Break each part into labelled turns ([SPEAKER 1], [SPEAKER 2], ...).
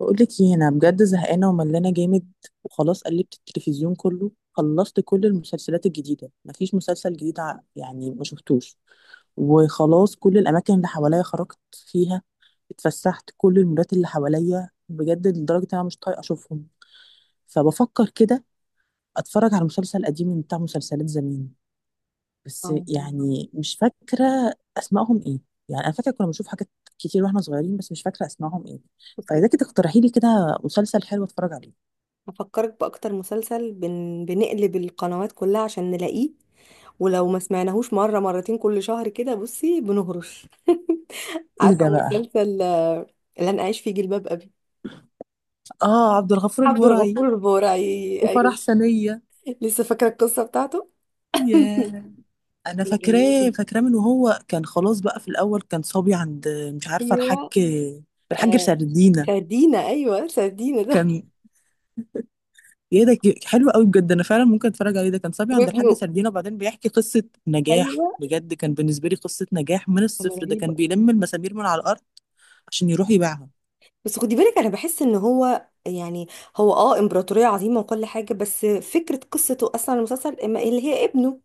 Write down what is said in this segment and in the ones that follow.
[SPEAKER 1] بقولك ايه، انا بجد زهقانه وملانه جامد. وخلاص قلبت التلفزيون كله، خلصت كل المسلسلات الجديده، مفيش مسلسل جديد يعني ما شفتوش. وخلاص كل الاماكن اللي حواليا خرجت فيها، اتفسحت كل المولات اللي حواليا بجد لدرجه ان انا مش طايقه اشوفهم. فبفكر كده اتفرج على مسلسل قديم من بتاع مسلسلات زمان، بس
[SPEAKER 2] اه،
[SPEAKER 1] يعني مش فاكرة أسمائهم إيه. يعني أنا فاكرة كنا بنشوف حاجات كتير وإحنا صغيرين، بس مش فاكرة أسمائهم إيه.
[SPEAKER 2] بصي.
[SPEAKER 1] فإذا كنت تقترحي لي كده مسلسل حلو أتفرج عليه.
[SPEAKER 2] هفكرك بأكتر مسلسل بنقلب القنوات كلها عشان نلاقيه. ولو ما سمعناهوش مرة مرتين كل شهر كده بصي بنهرش.
[SPEAKER 1] إيه
[SPEAKER 2] عارفة
[SPEAKER 1] ده بقى؟
[SPEAKER 2] مسلسل، اللي أنا أعيش فيه جلباب أبي؟
[SPEAKER 1] آه، عبد الغفور
[SPEAKER 2] عبد
[SPEAKER 1] البرعي.
[SPEAKER 2] الغفور البرعي،
[SPEAKER 1] وفرح
[SPEAKER 2] أيوه.
[SPEAKER 1] سنية.
[SPEAKER 2] لسه فاكرة القصة بتاعته.
[SPEAKER 1] ياه. أنا
[SPEAKER 2] كان
[SPEAKER 1] فاكراه
[SPEAKER 2] جميل.
[SPEAKER 1] فاكراه من وهو كان، خلاص بقى في الأول كان صبي عند، مش عارفة، الحاج.
[SPEAKER 2] أيوه،
[SPEAKER 1] الحاج
[SPEAKER 2] آه،
[SPEAKER 1] سردينة.
[SPEAKER 2] سردينة، أيوه، سردينة ده.
[SPEAKER 1] كان، ايه ده، حلو قوي بجد، انا فعلا ممكن اتفرج عليه. ده كان صبي عند الحاج
[SPEAKER 2] وابنه،
[SPEAKER 1] سردينة، وبعدين بيحكي قصة نجاح.
[SPEAKER 2] أيوه،
[SPEAKER 1] بجد كان بالنسبة لي قصة نجاح من
[SPEAKER 2] كان
[SPEAKER 1] الصفر، ده
[SPEAKER 2] رهيب.
[SPEAKER 1] كان بيلم المسامير من على الارض عشان يروح يبيعها.
[SPEAKER 2] بس خدي بالك انا بحس ان هو يعني هو امبراطورية عظيمة وكل حاجة، بس فكرة قصته اصلا المسلسل إما اللي هي ابنه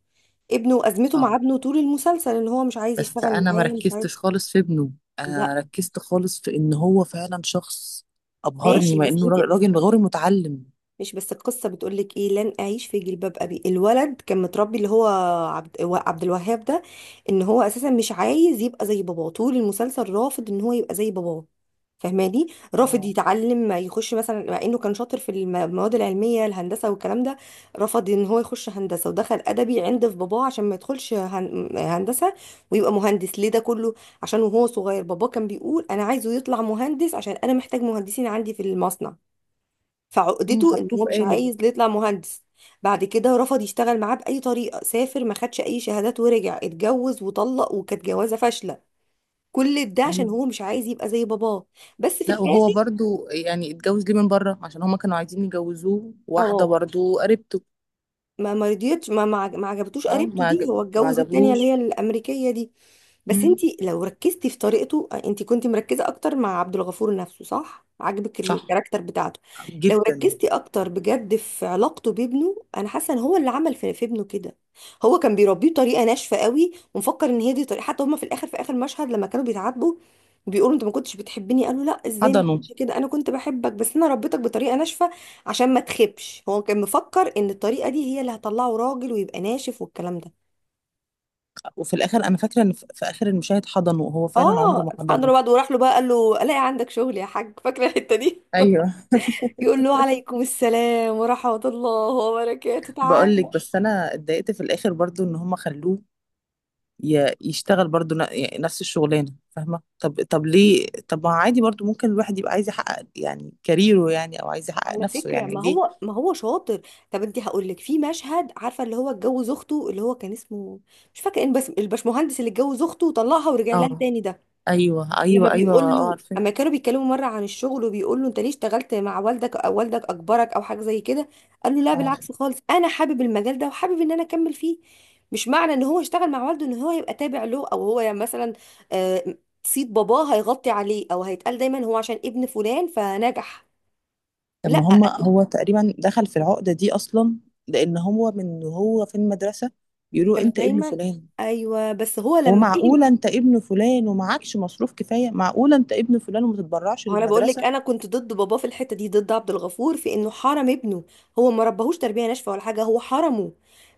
[SPEAKER 2] ابنه وازمته مع
[SPEAKER 1] اه،
[SPEAKER 2] ابنه طول المسلسل، ان هو مش عايز
[SPEAKER 1] بس
[SPEAKER 2] يشتغل
[SPEAKER 1] انا ما
[SPEAKER 2] معاه، مش عايز.
[SPEAKER 1] ركزتش خالص في ابنه، انا
[SPEAKER 2] لا
[SPEAKER 1] ركزت خالص في ان هو فعلا شخص ابهرني
[SPEAKER 2] ماشي،
[SPEAKER 1] مع
[SPEAKER 2] بس
[SPEAKER 1] انه
[SPEAKER 2] انت...
[SPEAKER 1] راجل غير متعلم.
[SPEAKER 2] مش بس. القصة بتقولك ايه؟ لن اعيش في جلباب ابي. الولد كان متربي، اللي هو عبد الوهاب ده، ان هو اساسا مش عايز يبقى زي باباه. طول المسلسل رافض ان هو يبقى زي باباه، فهماني؟ رافض
[SPEAKER 1] اه،
[SPEAKER 2] يتعلم، ما يخش مثلا، مع انه كان شاطر في المواد العلمية، الهندسة والكلام ده. رفض ان هو يخش هندسة، ودخل ادبي عند في باباه عشان ما يدخلش هندسة ويبقى مهندس. ليه ده كله؟ عشان وهو صغير باباه كان بيقول: انا عايزه يطلع مهندس، عشان انا محتاج مهندسين عندي في المصنع.
[SPEAKER 1] هم
[SPEAKER 2] فعقدته ان
[SPEAKER 1] حطوه
[SPEAKER 2] هو
[SPEAKER 1] في
[SPEAKER 2] مش
[SPEAKER 1] قالب.
[SPEAKER 2] عايز يطلع مهندس. بعد كده رفض يشتغل معاه بأي طريقة، سافر، ما خدش أي شهادات، ورجع اتجوز وطلق، وكانت جوازة فاشلة. كل ده عشان
[SPEAKER 1] ايوه.
[SPEAKER 2] هو مش عايز يبقى زي باباه، بس في
[SPEAKER 1] لا، وهو
[SPEAKER 2] الآخر...
[SPEAKER 1] برضو يعني اتجوز ليه من بره؟ عشان هما كانوا عايزين يجوزوه واحدة
[SPEAKER 2] اه،
[SPEAKER 1] برضو قريبته.
[SPEAKER 2] ما رضيتش، ما عجبتوش
[SPEAKER 1] اه،
[SPEAKER 2] قريبته دي، هو
[SPEAKER 1] ما
[SPEAKER 2] اتجوز التانية اللي هي
[SPEAKER 1] عجبهوش.
[SPEAKER 2] الأمريكية دي. بس انتي لو ركزتي في طريقته، انتي كنتي مركزة اكتر مع عبد الغفور نفسه، صح؟ عاجبك
[SPEAKER 1] صح.
[SPEAKER 2] الكاركتر بتاعته. لو
[SPEAKER 1] جدا.
[SPEAKER 2] ركزتي اكتر بجد في علاقته بابنه، انا حاسة ان هو اللي عمل في ابنه كده. هو كان بيربيه بطريقة ناشفة قوي، ومفكر ان هي دي طريقة. حتى هما في الاخر، في اخر مشهد لما كانوا بيتعاتبوا، بيقولوا: انت ما كنتش بتحبني. قالوا: لا، ازاي ما
[SPEAKER 1] حضنه.
[SPEAKER 2] كنتش كده، انا كنت بحبك، بس انا ربيتك بطريقة ناشفة عشان ما تخبش. هو كان مفكر ان الطريقه دي هي اللي هتطلعه راجل ويبقى ناشف والكلام ده.
[SPEAKER 1] وفي الاخر انا فاكره ان في اخر المشاهد حضنه، وهو فعلا عمره
[SPEAKER 2] اه،
[SPEAKER 1] ما
[SPEAKER 2] حضر
[SPEAKER 1] حضنه.
[SPEAKER 2] بعد وراح له بقى، قال له: الاقي عندك شغل يا حاج؟ فاكره الحته دي؟
[SPEAKER 1] ايوه.
[SPEAKER 2] يقول له: عليكم السلام ورحمه الله وبركاته،
[SPEAKER 1] بقول لك،
[SPEAKER 2] تعالى.
[SPEAKER 1] بس انا اتضايقت في الاخر برضو ان هم خلوه يشتغل برضو، يعني نفس الشغلانه، فاهمه؟ طب ليه؟ طب ما عادي برضو، ممكن الواحد يبقى عايز يحقق يعني كاريره يعني، او عايز يحقق
[SPEAKER 2] على
[SPEAKER 1] نفسه،
[SPEAKER 2] فكره
[SPEAKER 1] يعني
[SPEAKER 2] ما
[SPEAKER 1] ليه؟
[SPEAKER 2] هو ما هو شاطر. طب انت هقول لك، في مشهد عارفه، اللي هو اتجوز اخته، اللي هو كان اسمه... مش فاكره ان بس الباشمهندس اللي اتجوز اخته وطلقها ورجع لها
[SPEAKER 1] اه.
[SPEAKER 2] تاني ده،
[SPEAKER 1] ايوه،
[SPEAKER 2] لما
[SPEAKER 1] ايوه، ايوه،
[SPEAKER 2] بيقول
[SPEAKER 1] اه،
[SPEAKER 2] له،
[SPEAKER 1] عارفه.
[SPEAKER 2] اما كانوا بيتكلموا مره عن الشغل، وبيقول له: انت ليه اشتغلت مع والدك؟ او والدك اجبرك، او حاجه زي كده. قال له: لا
[SPEAKER 1] اه.
[SPEAKER 2] بالعكس خالص، انا حابب المجال ده وحابب ان انا اكمل فيه. مش معنى ان هو اشتغل مع والده ان هو يبقى تابع له، او هو يعني مثلا آه، صيت باباه هيغطي عليه، او هيتقال دايما هو عشان ابن فلان فنجح.
[SPEAKER 1] طب
[SPEAKER 2] لا
[SPEAKER 1] ما هم، هو تقريبا دخل في العقده دي اصلا لان هو من هو في المدرسه بيقولوا
[SPEAKER 2] كان
[SPEAKER 1] انت ابن
[SPEAKER 2] دايما...
[SPEAKER 1] فلان.
[SPEAKER 2] ايوه، بس هو لما فهم.
[SPEAKER 1] ومعقولة أنت ابن فلان ومعكش مصروف كفاية؟ معقولة أنت ابن فلان وما تتبرعش
[SPEAKER 2] ما هو انا بقول لك،
[SPEAKER 1] للمدرسة؟
[SPEAKER 2] انا كنت ضد باباه في الحته دي، ضد عبد الغفور في انه حرم ابنه. هو ما ربهوش تربيه ناشفه ولا حاجه، هو حرمه.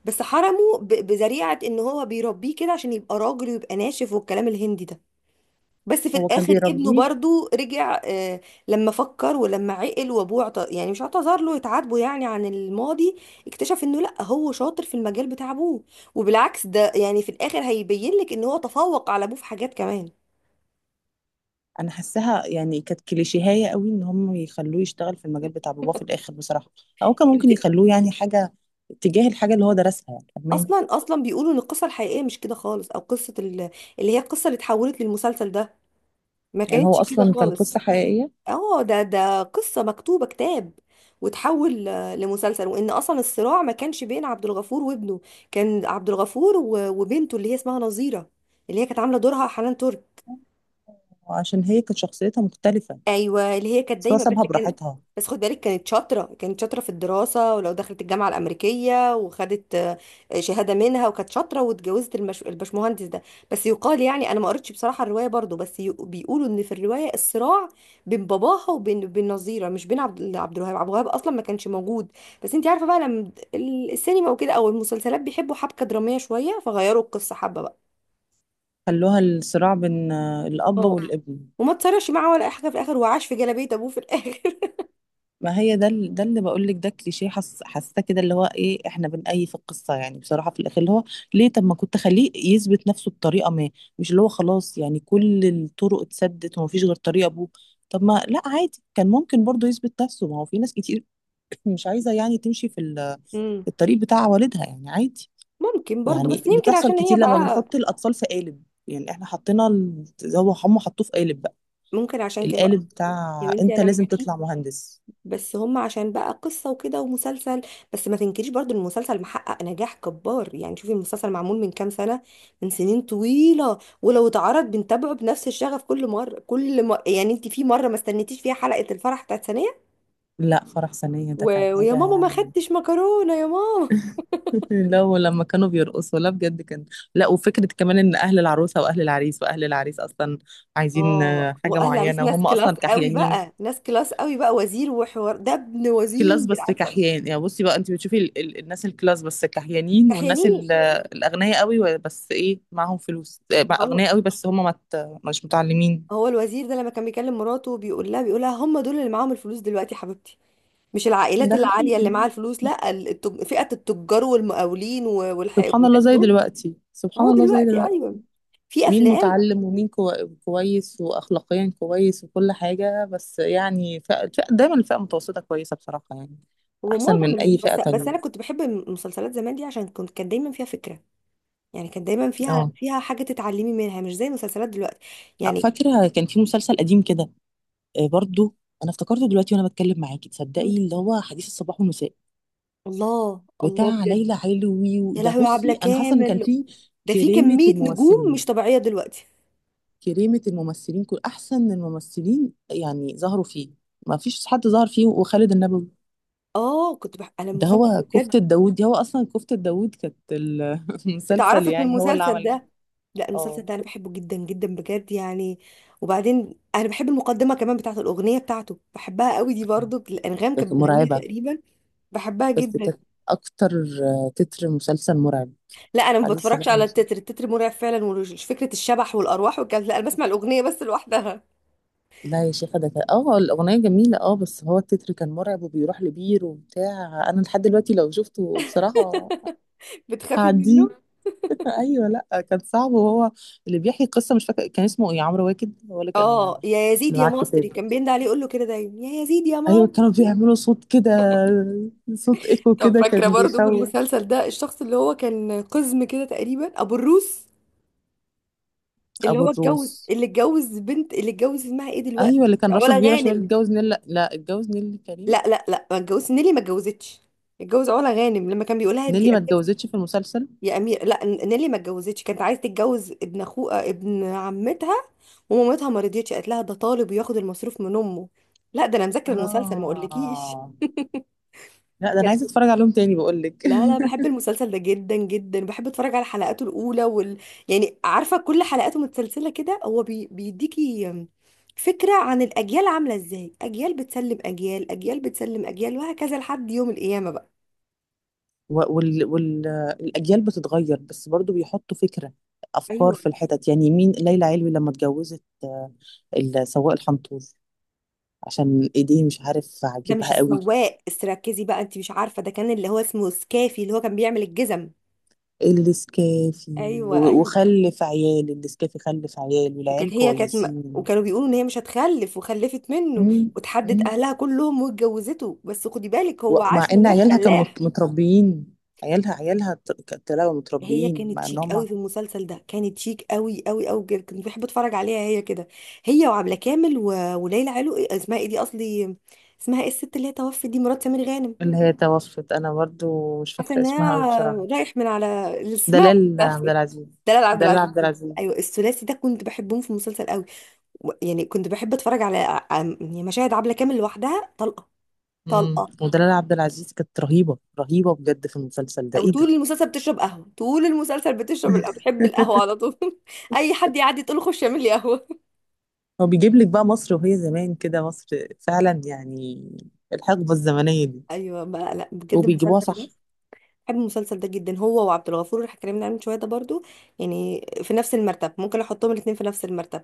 [SPEAKER 2] بس حرمه بذريعه ان هو بيربيه كده عشان يبقى راجل ويبقى ناشف والكلام الهندي ده. بس في
[SPEAKER 1] هو كان
[SPEAKER 2] الاخر ابنه
[SPEAKER 1] بيربيه.
[SPEAKER 2] برضو رجع، آه. لما فكر ولما عقل وابوه يعني مش اعتذر له، يتعاتبه يعني عن الماضي، اكتشف انه لا، هو شاطر في المجال بتاع ابوه. وبالعكس ده يعني، في الاخر هيبين لك ان هو تفوق على ابوه في حاجات كمان.
[SPEAKER 1] أنا حاساها يعني كانت كليشيهية قوي إن هم يخلوه يشتغل في المجال بتاع باباه في الآخر، بصراحة. أو كان ممكن يخلوه يعني حاجة تجاه الحاجة اللي هو درسها، يعني فاهماني.
[SPEAKER 2] اصلا اصلا بيقولوا ان القصه الحقيقيه مش كده خالص، او قصه اللي هي القصه اللي اتحولت للمسلسل ده، ما
[SPEAKER 1] يعني هو
[SPEAKER 2] كانتش كده
[SPEAKER 1] أصلا كان
[SPEAKER 2] خالص.
[SPEAKER 1] قصة حقيقية.
[SPEAKER 2] اه، ده قصه مكتوبه كتاب، وتحول لمسلسل. وان اصلا الصراع ما كانش بين عبد الغفور وابنه، كان عبد الغفور و- وبنته اللي هي اسمها نظيره، اللي هي كانت عامله دورها حنان ترك.
[SPEAKER 1] وعشان هي كانت شخصيتها مختلفة.
[SPEAKER 2] ايوه، اللي هي كانت
[SPEAKER 1] بس هو
[SPEAKER 2] دايما بس
[SPEAKER 1] سابها
[SPEAKER 2] كان...
[SPEAKER 1] براحتها.
[SPEAKER 2] بس خد بالك كانت شاطره، كانت شاطره في الدراسه، ولو دخلت الجامعه الامريكيه وخدت شهاده منها، وكانت شاطره واتجوزت البشمهندس ده. بس يقال يعني، انا ما قريتش بصراحه الروايه برضو، بس بيقولوا ان في الروايه الصراع بين باباها وبين بين نظيره، مش بين عبد الوهاب. عبد الوهاب اصلا ما كانش موجود. بس انت عارفه بقى، لما السينما وكده او المسلسلات بيحبوا حبكه دراميه شويه، فغيروا القصه حبه بقى.
[SPEAKER 1] خلوها الصراع بين الأب
[SPEAKER 2] اه،
[SPEAKER 1] والابن.
[SPEAKER 2] وما تصرفش معاه ولا أي حاجه في الاخر، وعاش في جلابيه ابوه في الاخر.
[SPEAKER 1] ما هي ده ده اللي بقول لك، ده كليشيه، حاسه كده اللي هو ايه، احنا بنأيف القصه يعني بصراحه في الاخر اللي هو ليه؟ طب ما كنت خليه يثبت نفسه بطريقه ما، مش اللي هو خلاص يعني كل الطرق اتسدت ومفيش غير طريقه ابوه. طب، ما لا عادي، كان ممكن برضه يثبت نفسه. ما هو في ناس كتير مش عايزه يعني تمشي في
[SPEAKER 2] امم
[SPEAKER 1] الطريق بتاع والدها، يعني عادي.
[SPEAKER 2] ممكن برضو
[SPEAKER 1] يعني
[SPEAKER 2] بس يمكن
[SPEAKER 1] بتحصل
[SPEAKER 2] عشان هي
[SPEAKER 1] كتير لما
[SPEAKER 2] بقى.
[SPEAKER 1] بنحط الاطفال في قالب. يعني احنا حطينا هو هم حطوه في قالب بقى.
[SPEAKER 2] ممكن عشان كده بقى.
[SPEAKER 1] القالب
[SPEAKER 2] يا
[SPEAKER 1] بتاع
[SPEAKER 2] بنتي
[SPEAKER 1] انت
[SPEAKER 2] انا
[SPEAKER 1] لازم
[SPEAKER 2] معاكي،
[SPEAKER 1] تطلع مهندس.
[SPEAKER 2] بس هم عشان بقى قصة وكده ومسلسل. بس ما تنكريش برضو إن المسلسل محقق نجاح كبار. يعني شوفي المسلسل معمول من كام سنة، من سنين طويلة. ولو اتعرض بنتابعه بنفس الشغف كل مرة كل مرة. يعني انت في مرة ما استنيتيش فيها حلقة الفرح بتاعت ثانية؟
[SPEAKER 1] لا، فرح ثانية
[SPEAKER 2] و...
[SPEAKER 1] ده كان
[SPEAKER 2] ويا
[SPEAKER 1] حاجة
[SPEAKER 2] ماما ما
[SPEAKER 1] يعني.
[SPEAKER 2] خدتش مكرونة يا ماما.
[SPEAKER 1] لا، ولما كانوا بيرقصوا، لا بجد كان. لا، وفكرة كمان ان اهل العروسة واهل العريس، واهل العريس اصلا عايزين
[SPEAKER 2] اه،
[SPEAKER 1] حاجة
[SPEAKER 2] واهل عريس
[SPEAKER 1] معينة
[SPEAKER 2] ناس
[SPEAKER 1] وهم
[SPEAKER 2] كلاس
[SPEAKER 1] اصلا
[SPEAKER 2] قوي
[SPEAKER 1] كحيانين.
[SPEAKER 2] بقى، ناس كلاس قوي بقى، وزير وحوار، ده ابن
[SPEAKER 1] كلاس
[SPEAKER 2] وزير،
[SPEAKER 1] بس
[SPEAKER 2] عارفة؟
[SPEAKER 1] كحيان يعني. بصي بقى، انت بتشوفي ال الناس الكلاس بس كحيانين، والناس
[SPEAKER 2] تحيانين.
[SPEAKER 1] الاغنياء قوي، بس ايه، معاهم فلوس بقى، اغنياء قوي بس هم مش متعلمين.
[SPEAKER 2] هو الوزير ده لما كان بيكلم مراته بيقول لها: هم دول اللي معاهم الفلوس دلوقتي يا حبيبتي، مش العائلات
[SPEAKER 1] ده
[SPEAKER 2] العالية اللي معاها
[SPEAKER 1] حقيقي.
[SPEAKER 2] الفلوس. لا، فئة التجار والمقاولين
[SPEAKER 1] سبحان الله
[SPEAKER 2] والناس
[SPEAKER 1] زي
[SPEAKER 2] دول.
[SPEAKER 1] دلوقتي، سبحان
[SPEAKER 2] هو
[SPEAKER 1] الله زي
[SPEAKER 2] دلوقتي
[SPEAKER 1] دلوقتي.
[SPEAKER 2] ايوه. في
[SPEAKER 1] مين
[SPEAKER 2] افلام
[SPEAKER 1] متعلم ومين كويس واخلاقيا كويس وكل حاجه؟ بس يعني دايما الفئه المتوسطه كويسه بصراحه، يعني احسن
[SPEAKER 2] ومعظم
[SPEAKER 1] من اي فئه
[SPEAKER 2] بس
[SPEAKER 1] تانية.
[SPEAKER 2] انا كنت بحب المسلسلات زمان دي، عشان كانت دايما فيها فكرة. يعني كانت دايما فيها
[SPEAKER 1] اه،
[SPEAKER 2] فيها حاجة تتعلمي منها، مش زي المسلسلات دلوقتي. يعني
[SPEAKER 1] فاكره كان في مسلسل قديم كده برضو، انا افتكرته دلوقتي وانا بتكلم معاكي، تصدقي؟ اللي هو حديث الصباح والمساء
[SPEAKER 2] الله الله
[SPEAKER 1] بتاع
[SPEAKER 2] بجد.
[SPEAKER 1] ليلى علوي
[SPEAKER 2] يا
[SPEAKER 1] ده.
[SPEAKER 2] لهوي، يا عبلة
[SPEAKER 1] بصي، انا حاسه ان كان
[SPEAKER 2] كامل،
[SPEAKER 1] فيه
[SPEAKER 2] ده في
[SPEAKER 1] كريمه
[SPEAKER 2] كمية نجوم مش
[SPEAKER 1] الممثلين،
[SPEAKER 2] طبيعية دلوقتي.
[SPEAKER 1] كريمه الممثلين، كل احسن الممثلين يعني ظهروا فيه، ما فيش حد ظهر فيه. وخالد النبوي
[SPEAKER 2] اه، كنت انا
[SPEAKER 1] ده،
[SPEAKER 2] المسلسل ده
[SPEAKER 1] هو
[SPEAKER 2] بجد
[SPEAKER 1] كفتة داوود دي، هو أصلا كفتة داوود كانت المسلسل
[SPEAKER 2] اتعرفت من
[SPEAKER 1] يعني هو اللي
[SPEAKER 2] المسلسل
[SPEAKER 1] عمل.
[SPEAKER 2] ده. لا، المسلسل
[SPEAKER 1] اه،
[SPEAKER 2] ده انا بحبه جدا جدا بجد يعني. وبعدين انا بحب المقدمه كمان بتاعت الاغنيه بتاعته، بحبها قوي دي برضو. الانغام
[SPEAKER 1] كانت
[SPEAKER 2] كانت بتغنيها
[SPEAKER 1] مرعبة.
[SPEAKER 2] تقريبا. بحبها
[SPEAKER 1] بس
[SPEAKER 2] جدا.
[SPEAKER 1] كانت أكتر، تتر مسلسل مرعب.
[SPEAKER 2] لا انا ما
[SPEAKER 1] عزيز
[SPEAKER 2] بتفرجش
[SPEAKER 1] صباح
[SPEAKER 2] على
[SPEAKER 1] المسلسل.
[SPEAKER 2] التتر. التتر مرعب فعلا، وفكره الشبح والارواح والكلام ده، لا انا بسمع الاغنيه بس لوحدها.
[SPEAKER 1] لا يا شيخة، ده كان، الأغنية جميلة، بس هو التتر كان مرعب وبيروح لبير وبتاع. أنا لحد دلوقتي لو شفته بصراحة
[SPEAKER 2] بتخافي منه؟
[SPEAKER 1] هعديه. أيوه، لأ كان صعب. وهو اللي بيحكي القصة، مش فاكر كان اسمه إيه، عمرو واكد، هو اللي كان
[SPEAKER 2] اه، يا يزيد
[SPEAKER 1] اللي
[SPEAKER 2] يا
[SPEAKER 1] معاه
[SPEAKER 2] مصري
[SPEAKER 1] الكتاب.
[SPEAKER 2] كان بينده عليه، يقول له كده دايما: يا يزيد يا
[SPEAKER 1] ايوه،
[SPEAKER 2] مصري.
[SPEAKER 1] كانوا بيعملوا صوت كده، صوت ايكو
[SPEAKER 2] طب
[SPEAKER 1] كده كان
[SPEAKER 2] فاكره برضو في
[SPEAKER 1] بيخوف.
[SPEAKER 2] المسلسل ده الشخص اللي هو كان قزم كده تقريبا، ابو الروس، اللي
[SPEAKER 1] ابو
[SPEAKER 2] هو اتجوز
[SPEAKER 1] الروس.
[SPEAKER 2] اللي اتجوز بنت اللي اتجوز اسمها ايه دلوقتي؟
[SPEAKER 1] ايوه، اللي كان راسه
[SPEAKER 2] علا
[SPEAKER 1] كبيره شويه، اللي
[SPEAKER 2] غانم.
[SPEAKER 1] اتجوز نيللي، لا، اتجوز نيللي كريم.
[SPEAKER 2] لا لا لا، ما اتجوزش نيلي، ما اتجوزتش. اتجوز علا غانم، لما كان بيقول لها: انت يا
[SPEAKER 1] نيللي ما
[SPEAKER 2] امير،
[SPEAKER 1] اتجوزتش في المسلسل.
[SPEAKER 2] يا امير. لا، نيلي ما اتجوزتش، كانت عايزه تتجوز ابن اخوها، ابن عمتها، ومامتها ما رضيتش، قالت لها: ده طالب وياخد المصروف من امه. لا ده انا مذاكره المسلسل، ما اقولكيش.
[SPEAKER 1] اه. لا، ده انا عايزه اتفرج عليهم تاني، بقول لك.
[SPEAKER 2] لا لا، بحب المسلسل ده جدا جدا، بحب اتفرج على حلقاته الاولى. يعني عارفه كل حلقاته متسلسله كده، هو بيديكي فكره عن الاجيال عامله ازاي. اجيال بتسلم اجيال، اجيال بتسلم اجيال، وهكذا لحد يوم القيامه بقى.
[SPEAKER 1] والاجيال وال... الأجيال بتتغير، بس برضو بيحطوا فكره، افكار
[SPEAKER 2] ايوه،
[SPEAKER 1] في الحتت. يعني مين ليلى علوي لما اتجوزت سواق الحنطور؟ عشان ايديه مش عارف
[SPEAKER 2] ده مش
[SPEAKER 1] عاجبها قوي.
[SPEAKER 2] السواق، بس ركزي بقى انت مش عارفه، ده كان اللي هو اسمه سكافي، اللي هو كان بيعمل الجزم.
[SPEAKER 1] النسكافي.
[SPEAKER 2] ايوه ايوه.
[SPEAKER 1] وخلف عيال النسكافي، خلف عيال
[SPEAKER 2] وكانت
[SPEAKER 1] والعيال
[SPEAKER 2] هي كانت م...
[SPEAKER 1] كويسين.
[SPEAKER 2] وكانوا بيقولوا ان هي مش هتخلف وخلفت منه،
[SPEAKER 1] مم.
[SPEAKER 2] وتحدت
[SPEAKER 1] مم.
[SPEAKER 2] اهلها كلهم واتجوزته، بس خدي بالك هو
[SPEAKER 1] مع
[SPEAKER 2] عاش
[SPEAKER 1] ان
[SPEAKER 2] هناك
[SPEAKER 1] عيالها كانوا
[SPEAKER 2] فلاح.
[SPEAKER 1] متربيين. عيالها طلعوا
[SPEAKER 2] هي
[SPEAKER 1] متربيين
[SPEAKER 2] كانت
[SPEAKER 1] مع ان
[SPEAKER 2] شيك قوي
[SPEAKER 1] هما.
[SPEAKER 2] في المسلسل ده، كانت شيك قوي قوي قوي بجد، كنت بحب اتفرج عليها هي كده، هي وعبلة كامل و... وليلى علو، إيه اسمها ايه دي اصلي؟ اسمها ايه الست اللي هي توفت دي، مرات سمير غانم؟
[SPEAKER 1] اللي هي توفت انا برضو مش
[SPEAKER 2] حاسه
[SPEAKER 1] فاكره اسمها قوي
[SPEAKER 2] انها
[SPEAKER 1] بصراحه.
[SPEAKER 2] رايح من على اسمها.
[SPEAKER 1] دلال عبد العزيز.
[SPEAKER 2] دلال عبد
[SPEAKER 1] دلال
[SPEAKER 2] العزيز،
[SPEAKER 1] عبد العزيز.
[SPEAKER 2] ايوه. الثلاثي ده كنت بحبهم في المسلسل قوي. يعني كنت بحب اتفرج على يعني مشاهد عبلة كامل لوحدها طلقه، طلقه.
[SPEAKER 1] ودلال عبد العزيز كانت رهيبه رهيبه بجد في المسلسل ده،
[SPEAKER 2] او
[SPEAKER 1] ايه
[SPEAKER 2] طول
[SPEAKER 1] ده!
[SPEAKER 2] المسلسل بتشرب قهوه، طول المسلسل بتشرب القهوة، بتحب القهوه على طول. اي حد يعدي تقول له: خش اعمل لي قهوه.
[SPEAKER 1] هو بيجيب لك بقى مصر وهي زمان كده، مصر فعلا يعني الحقبه الزمنيه دي،
[SPEAKER 2] ايوه بقى. لا بجد
[SPEAKER 1] وبيجيبوها
[SPEAKER 2] المسلسل
[SPEAKER 1] صح.
[SPEAKER 2] ده، بحب المسلسل ده جدا، هو وعبد الغفور اللي اتكلمنا عنه من شويه ده برضو، يعني في نفس المرتب، ممكن احطهم الاثنين في نفس المرتب.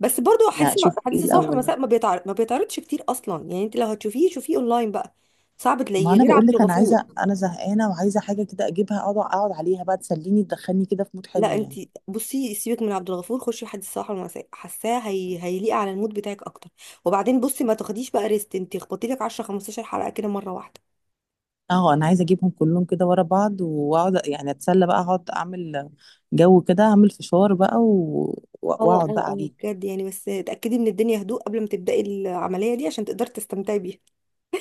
[SPEAKER 2] بس برضو حديث
[SPEAKER 1] لا، شوف ايه
[SPEAKER 2] حديث الصباح
[SPEAKER 1] الاول.
[SPEAKER 2] والمساء ما بيتعرضش كتير اصلا. يعني انت لو هتشوفيه شوفيه اونلاين بقى، صعب
[SPEAKER 1] ما
[SPEAKER 2] تلاقيه،
[SPEAKER 1] انا
[SPEAKER 2] غير
[SPEAKER 1] بقول
[SPEAKER 2] عبد
[SPEAKER 1] لك،
[SPEAKER 2] الغفور.
[SPEAKER 1] انا زهقانه وعايزه حاجه كده اجيبها، اقعد عليها بقى، تسليني، تدخلني كده في مود
[SPEAKER 2] لا
[SPEAKER 1] حلو
[SPEAKER 2] انت
[SPEAKER 1] يعني.
[SPEAKER 2] بصي، سيبك من عبد الغفور، خشي حديث الصباح والمساء، حاساه هيليق على المود بتاعك اكتر. وبعدين بصي ما تاخديش بقى ريست، انت اخبطي لك 10 15 حلقه كده مره واحده.
[SPEAKER 1] اه، انا عايزه اجيبهم كلهم كده ورا بعض واقعد يعني اتسلى بقى، اقعد اعمل جو كده، اعمل فشار بقى
[SPEAKER 2] اه
[SPEAKER 1] واقعد
[SPEAKER 2] اه
[SPEAKER 1] بقى
[SPEAKER 2] اه،
[SPEAKER 1] عليه.
[SPEAKER 2] بجد يعني. بس تأكدي من الدنيا هدوء قبل ما تبدأي العملية دي، عشان تقدري تستمتعي بيها.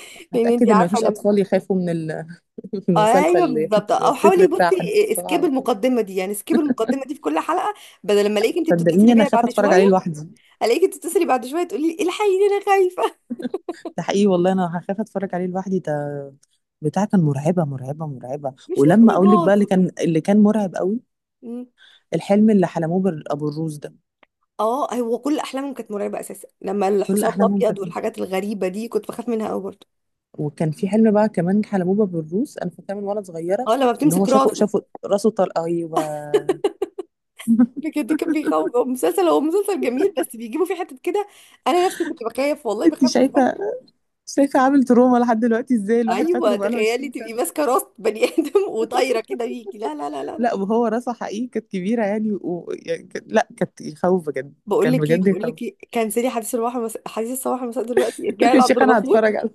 [SPEAKER 2] لأن انت
[SPEAKER 1] هتاكد ان
[SPEAKER 2] عارفة
[SPEAKER 1] مفيش
[SPEAKER 2] لما...
[SPEAKER 1] اطفال يخافوا من ال... من المسلسل
[SPEAKER 2] ايوه
[SPEAKER 1] اللي-
[SPEAKER 2] بالظبط.
[SPEAKER 1] من
[SPEAKER 2] او
[SPEAKER 1] التتر
[SPEAKER 2] حاولي
[SPEAKER 1] بتاع حديث
[SPEAKER 2] بصي سكيب
[SPEAKER 1] الصباح.
[SPEAKER 2] المقدمة دي، يعني سكيب المقدمة دي في كل حلقة، بدل لما الاقيك انت
[SPEAKER 1] صدقيني
[SPEAKER 2] بتتصلي
[SPEAKER 1] انا
[SPEAKER 2] بيها
[SPEAKER 1] خايفه
[SPEAKER 2] بعد
[SPEAKER 1] اتفرج عليه
[SPEAKER 2] شوية،
[SPEAKER 1] لوحدي.
[SPEAKER 2] الاقيك تتصلي بعد شوية تقولي لي: الحقيني انا خايفة.
[SPEAKER 1] ده حقيقي والله، انا هخاف اتفرج عليه لوحدي. ده بتاع كان مرعبه مرعبه مرعبه.
[SPEAKER 2] مش
[SPEAKER 1] ولما اقول لك
[SPEAKER 2] للدرجة
[SPEAKER 1] بقى،
[SPEAKER 2] دي.
[SPEAKER 1] اللي كان مرعب قوي،
[SPEAKER 2] مم.
[SPEAKER 1] الحلم اللي حلموه ابو الروس ده.
[SPEAKER 2] اه، هو كل احلامهم كانت مرعبة اساسا، لما
[SPEAKER 1] كل
[SPEAKER 2] الحصان
[SPEAKER 1] احلامهم
[SPEAKER 2] الابيض
[SPEAKER 1] كانت.
[SPEAKER 2] والحاجات الغريبة دي كنت بخاف منها قوي برضه.
[SPEAKER 1] وكان في حلم بقى كمان حلموه بابو الروس، انا فاكره من وانا صغيره،
[SPEAKER 2] اه، لما
[SPEAKER 1] ان هو
[SPEAKER 2] بتمسك راس
[SPEAKER 1] شافوا، راسه طلق. ايوه.
[SPEAKER 2] بجد كان بيخوف. هو مسلسل جميل، بس بيجيبوا فيه حتت كده. انا نفسي كنت بخاف والله،
[SPEAKER 1] انت
[SPEAKER 2] بخاف بجد.
[SPEAKER 1] شايفه؟ شايفه عامل تروما لحد دلوقتي؟ ازاي الواحد فاكره
[SPEAKER 2] ايوه،
[SPEAKER 1] بقاله
[SPEAKER 2] تخيلي
[SPEAKER 1] 20
[SPEAKER 2] تبقي
[SPEAKER 1] سنه.
[SPEAKER 2] ماسكه راس بني ادم وطايره كده بيكي. لا لا لا لا لا.
[SPEAKER 1] لا، وهو راسه حقيقي كانت كبيره يعني، يعني لا، كانت يخوف بجد.
[SPEAKER 2] بقول
[SPEAKER 1] كان
[SPEAKER 2] لك ايه،
[SPEAKER 1] بجد
[SPEAKER 2] بقول
[SPEAKER 1] يخوف.
[SPEAKER 2] لك ايه، كنسلي حديث الصباح مساء دلوقتي، ارجعي
[SPEAKER 1] يا
[SPEAKER 2] لعبد
[SPEAKER 1] شيخ انا
[SPEAKER 2] الغفور.
[SPEAKER 1] هتفرج على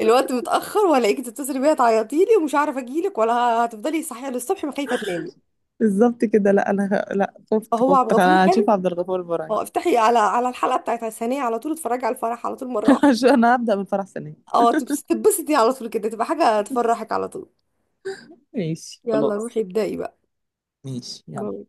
[SPEAKER 2] الوقت متاخر، وهلاقيكي تتصلي بيا تعيطي لي ومش عارفه اجي لك ولا، هتفضلي صحيه للصبح ما خايفه تنامي.
[SPEAKER 1] بالظبط كده. لا، انا لا،
[SPEAKER 2] فهو عبد
[SPEAKER 1] خفت،
[SPEAKER 2] الغفور
[SPEAKER 1] انا
[SPEAKER 2] كان...
[SPEAKER 1] هشوف عبد الغفور البرعي.
[SPEAKER 2] اه، افتحي على الحلقه بتاعت الثانيه على طول، اتفرجي على الفرح على طول مره واحده.
[SPEAKER 1] عشان انا هبدا من فرح سنه.
[SPEAKER 2] اه، تتبسطي على طول كده، تبقى حاجه تفرحك على طول.
[SPEAKER 1] ماشي
[SPEAKER 2] يلا
[SPEAKER 1] خلاص.
[SPEAKER 2] روحي ابدأي بقى.
[SPEAKER 1] ماشي يلا.
[SPEAKER 2] باي.